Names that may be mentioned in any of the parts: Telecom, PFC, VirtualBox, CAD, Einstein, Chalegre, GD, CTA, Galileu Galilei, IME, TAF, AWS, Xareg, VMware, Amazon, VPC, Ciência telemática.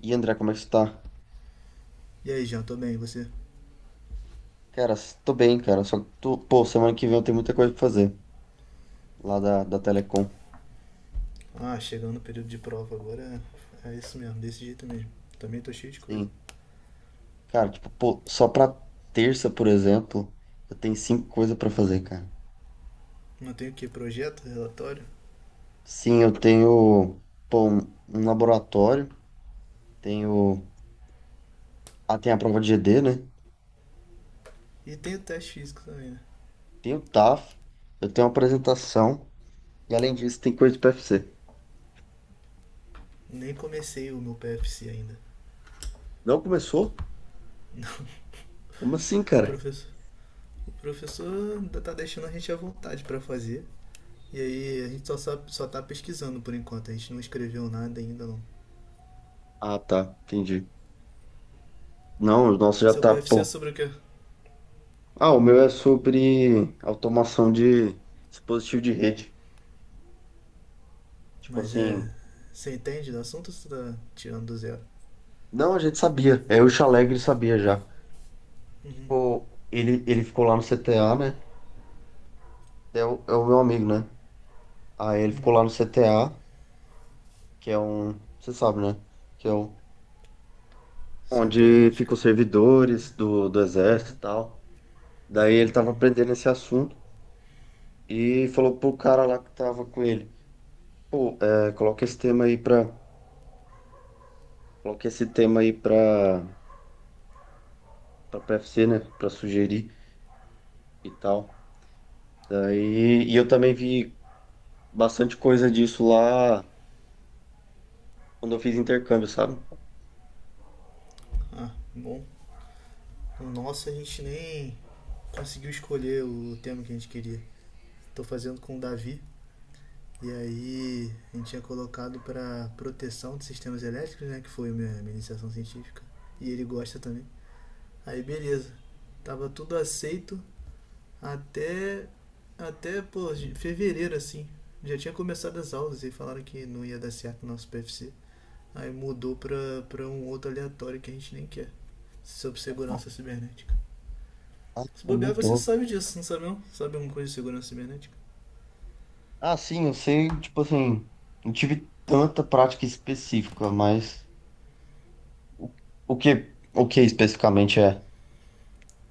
E André, como é que você tá? E aí, Jean, tô bem, e você? Cara, tô bem, cara. Só que tô, pô, semana que vem eu tenho muita coisa pra fazer lá da Telecom. Ah, chegando no período de prova agora, é isso mesmo, desse jeito mesmo. Também tô cheio de coisa. Sim. Cara, tipo, pô, só pra terça, por exemplo, eu tenho cinco coisas pra fazer, cara. Não tenho o que? Projeto, relatório? Sim, eu tenho, pô, um laboratório, tenho, ah, tem a prova de GD, né? E tenho teste físico também, né? Tenho o TAF, eu tenho uma apresentação e além disso tem coisa de PFC. Nem comecei o meu PFC ainda. Não começou? Não, Como assim, o cara? professor, o professor ainda tá deixando a gente à vontade pra fazer. E aí a gente só, sabe, só tá pesquisando por enquanto, a gente não escreveu nada ainda não. Ah, tá, entendi. Não, o nosso já Seu tá, PFC é pô. sobre o quê? Ah, o meu é sobre automação de dispositivo de rede. Tipo Mas assim, é. Você entende do assunto ou você tá tirando do zero? não, a gente sabia. É, o Chalegre sabia já. Uhum, Pô, ele ficou lá no CTA, né? É o meu amigo, né? Aí ele ficou uhum. lá no CTA, que é um, você sabe, né? Que é o, Ciência onde ficam telemática. os servidores do exército Uhum, e tal. Daí ele tava uhum. aprendendo esse assunto e falou pro cara lá que tava com ele. Pô, é, coloca esse tema aí pra, pra PFC, né? Pra sugerir e tal. Daí, e eu também vi bastante coisa disso lá quando eu fiz intercâmbio, sabe? Ah, bom. Nossa, a gente nem conseguiu escolher o tema que a gente queria. Tô fazendo com o Davi. E aí a gente tinha colocado para proteção de sistemas elétricos, né? Que foi a minha iniciação científica. E ele gosta também. Aí beleza. Tava tudo aceito até. Até, pô, fevereiro assim. Já tinha começado as aulas e falaram que não ia dar certo o nosso PFC. Aí mudou pra um outro aleatório que a gente nem quer. Sobre segurança cibernética. Se bobear, você Mudou. sabe disso, não sabe não? Sabe alguma coisa de segurança cibernética? Ah, sim, eu sei, tipo assim, não tive tanta prática específica, mas o, o que especificamente é?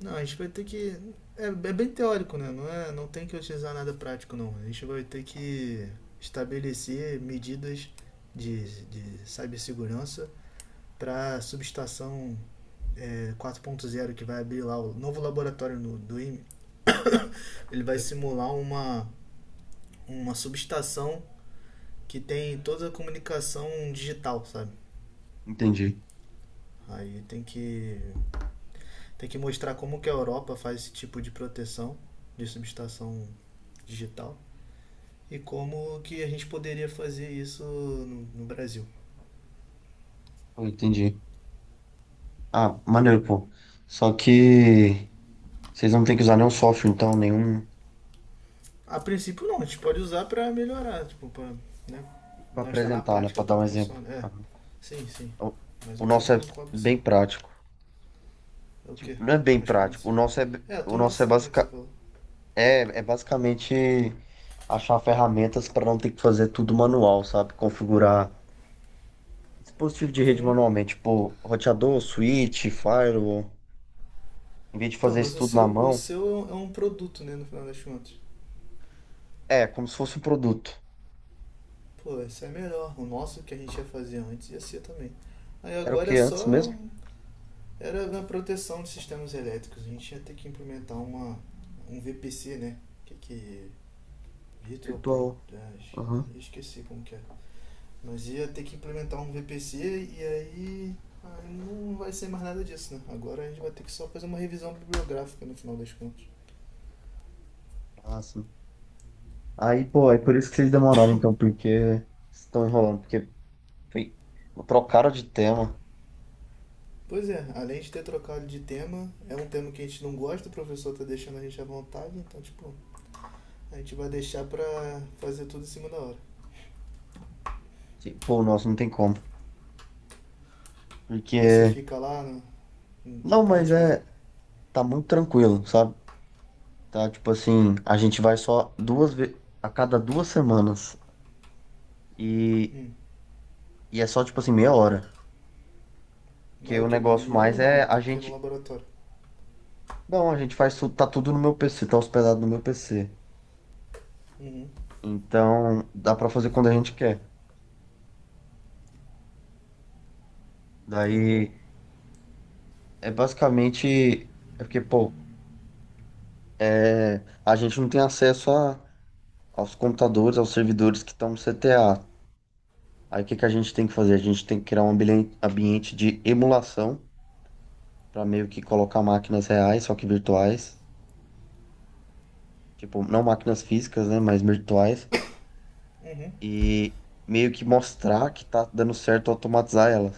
Não, a gente vai ter que. É, é bem teórico, né? Não, é, não tem que utilizar nada prático, não. A gente vai ter que estabelecer medidas de cibersegurança para a subestação é, 4.0 que vai abrir lá o novo laboratório no, do IME. Ele vai simular uma subestação que tem toda a comunicação digital, sabe? Entendi. Aí tem que tem que mostrar como que a Europa faz esse tipo de proteção de subestação digital e como que a gente poderia fazer isso no, no Brasil. Eu entendi. Ah, maneiro, pô. Só Né? que vocês não têm que usar nenhum software, então, nenhum A princípio não, a gente pode usar para melhorar, tipo, pra, né? para Não está na apresentar, né? prática Para dar como um exemplo. funciona. É, Aham. sim, sim. O, Mas o o nosso tema é não cobre bem som. prático. É o quê? Tipo, não é bem Mas como prático. assim? É, a O nosso é tomação, né, basic que você falou. É, é basicamente achar ferramentas para não ter que fazer tudo manual, sabe? Configurar dispositivo de rede Uhum. manualmente, tipo roteador, switch, firewall. Em vez de Então, fazer isso mas o tudo seu, na o mão, seu é é um produto, né, no final das contas. é como se fosse um produto. Pô, esse é melhor. O nosso que a gente ia fazer antes ia ser também. Aí Era o agora é que antes só. mesmo? Era na proteção de sistemas elétricos. A gente ia ter que implementar um VPC, né? Que que. Virtual Pro. Virtual. ah, Aham. eu esqueci como que é. Mas ia ter que implementar um VPC e aí. Aí não vai ser mais nada disso, né? Agora a gente vai ter que só fazer uma revisão bibliográfica no final das contas. Ah, sim. Aí, pô, é por isso que vocês demoraram então, porque estão enrolando, foi... trocaram de tema. Pois é, além de ter trocado de tema, é um tema que a gente não gosta, o professor tá deixando a gente à vontade, então, tipo, a gente vai deixar pra fazer tudo em cima da hora. Sim, pô, nossa, não tem como. Mas você Porque... fica lá à Não, mas tarde fazendo? é. Tá muito tranquilo, sabe? Tá, tipo assim, a gente vai só duas vezes a cada duas semanas. E, Hum. e é só, tipo assim, meia hora. Mas Porque é o o que? Uma negócio reunião mais ou é não? a Tem que ir no gente. laboratório. Não, a gente faz tudo, tá tudo no meu PC, tá hospedado no meu PC. Uhum. Então, dá pra fazer quando a gente quer. Ah, bom. Daí, é basicamente... É porque, pô, é, a gente não tem acesso a, aos computadores, aos servidores que estão no CTA. Aí, o que que a gente tem que fazer? A gente tem que criar um ambiente de emulação para meio que colocar máquinas reais, só que virtuais, tipo, não máquinas físicas, né, mas virtuais, Uhum. e meio que mostrar que tá dando certo automatizar elas.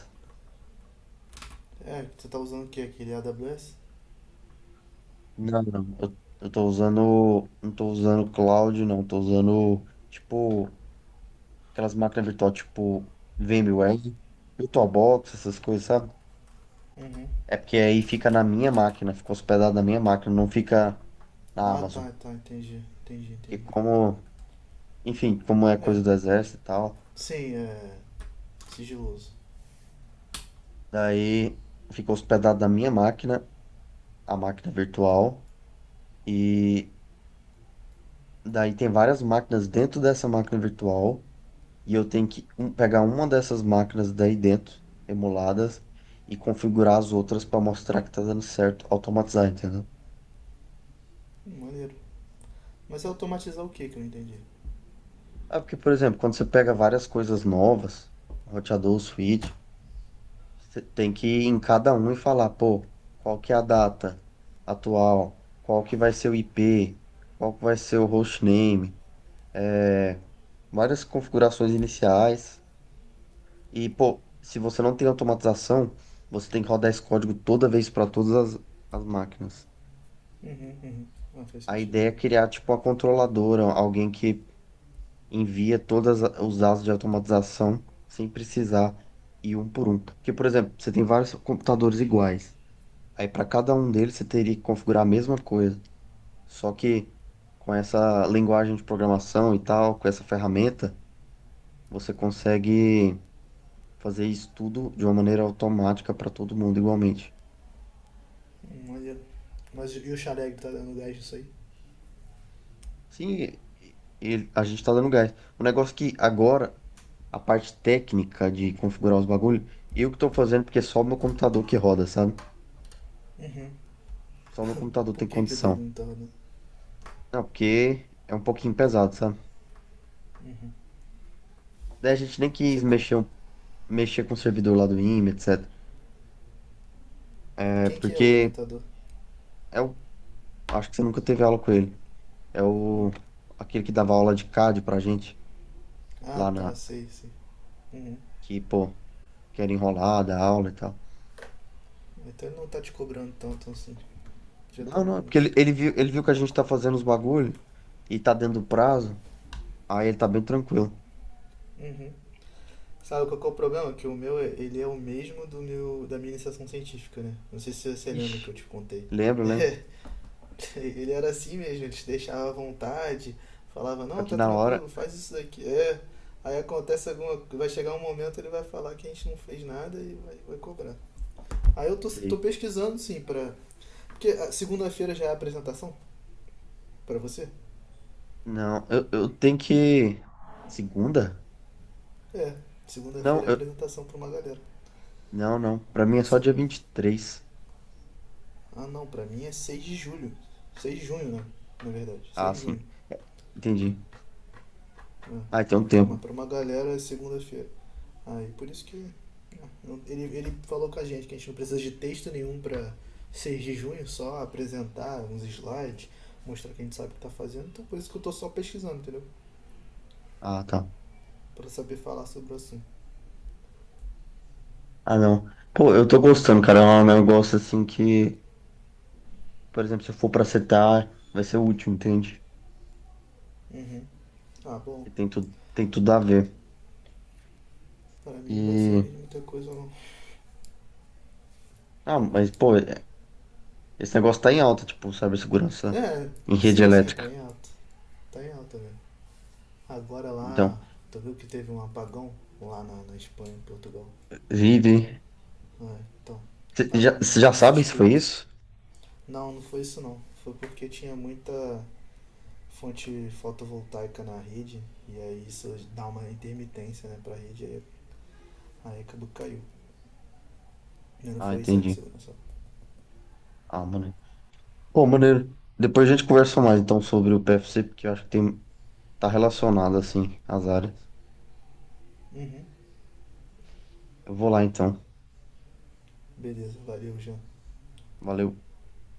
É, você tá usando o que? Aquele AWS? Não, não, eu tô usando, não tô usando cloud, não, tô usando, tipo, aquelas máquinas virtuais, tipo, VMware, VirtualBox, essas coisas, sabe? Uhum. É porque aí fica na minha máquina, fica hospedado na minha máquina, não fica na Ah, Amazon. tá, tá. Entendi, entendi, Porque entendi. como, enfim, como é É. coisa do exército e tal, Sim, é. Sigiloso. daí fica hospedado na minha máquina, a máquina virtual, e daí tem várias máquinas dentro dessa máquina virtual, e eu tenho que pegar uma dessas máquinas daí dentro, emuladas, e configurar as outras para mostrar que tá dando certo, automatizar, entendeu? Maneiro. Mas é automatizar o que que eu não entendi? É porque, por exemplo, quando você pega várias coisas novas, roteador, switch, você tem que ir em cada um e falar, pô, qual que é a data atual, qual que vai ser o IP, qual que vai ser o hostname. É, várias configurações iniciais. E, pô, se você não tem automatização, você tem que rodar esse código toda vez para todas as máquinas. Uhum, uhum. Ah, faz A sentido, ideia é bem. criar, tipo, uma controladora, alguém que envia todos os dados de automatização sem precisar ir um por um. Porque, por exemplo, você tem vários computadores iguais. Aí, para cada um deles, você teria que configurar a mesma coisa. Só que com essa linguagem de programação e tal, com essa ferramenta, você consegue fazer isso tudo de uma maneira automática para todo mundo igualmente. Maneiro. Mas e o Xareg tá dando gás nisso aí? Sim, e a gente está dando gás. O negócio é que agora, a parte técnica de configurar os bagulhos, eu que estou fazendo porque é só o meu computador que roda, sabe? Uhum. Só o meu computador tem Por que que o dele condição. não tá dando? Não, porque é um pouquinho pesado, sabe? Uhum. Daí a gente nem Você, quis co- mexer, mexer com o servidor lá do IME, etc. É Quem que é o porque orientador? é o, acho que você nunca teve aula com ele. É o Hum. aquele que dava aula de CAD pra gente Ah, lá na tá, sei, sei. Uhum. que, pô, que era enrolada a aula e tal. Então ele não tá te cobrando tanto assim. Já tá Não, não, bom é porque isso. ele viu, ele viu que a gente tá fazendo os bagulho e tá dentro do prazo, aí ele tá bem tranquilo. Uhum. Sabe qual que é o problema? Que o meu, ele é o mesmo do meu, da minha iniciação científica, né? Não sei se você lembra que Ixi, eu te contei. lembro, lembro. É, ele era assim mesmo, ele te deixava à vontade, falava, Só não, que tá na hora, tranquilo, faz isso daqui. É, aí acontece alguma vai chegar um momento, ele vai falar que a gente não fez nada e vai, vai cobrar. Aí eu tô sei. pesquisando, sim, pra... Porque a segunda-feira já é a apresentação pra você? Não, eu tenho que... Segunda? É, Não, segunda-feira é eu... apresentação pra uma galera. Não, não. Pra mim É é só essa dia agora. 23. Ah não, pra mim é 6 de julho. Seis de junho, né? Na verdade, Ah, 6 de sim. junho. Entendi. É. Ah, então tem um Então, mas tempo. pra uma galera é segunda-feira. Aí por isso que. Ele falou com a gente que a gente não precisa de texto nenhum pra 6 de junho, só apresentar uns slides, mostrar que a gente sabe o que tá fazendo. Então por isso que eu tô só pesquisando, entendeu? Ah, tá. Pra saber falar sobre o assunto. Ah, não. Pô, eu tô gostando, cara. É um negócio assim que, por exemplo, se eu for pra setar, vai ser útil, entende? Uhum. Ah, bom. E tem tudo, tem tudo a ver. Pra mim não vai E... servir de muita coisa não. Ah, mas, pô, é, esse negócio tá em alta, tipo, cibersegurança É, em rede sim, sim, tá elétrica. em alta. Tá em alta, velho. Agora Então, lá, tu viu que teve um apagão lá na Espanha, em Portugal? vive. É, então, Você já, cê estavam já com sabe se foi suspeito. isso? Não, não foi isso não. Foi porque tinha muita fonte fotovoltaica na rede e aí isso dá uma intermitência, né, pra rede, aí, aí acabou que caiu. Não Ah, foi isso, sabe, entendi. segurança. Ah, maneiro. Pô, maneiro. Depois a gente conversa mais, então, sobre o PFC, porque eu acho que tem, tá relacionado, assim, as áreas. Uhum. Eu vou lá, então. Beleza, valeu, Jean. Valeu.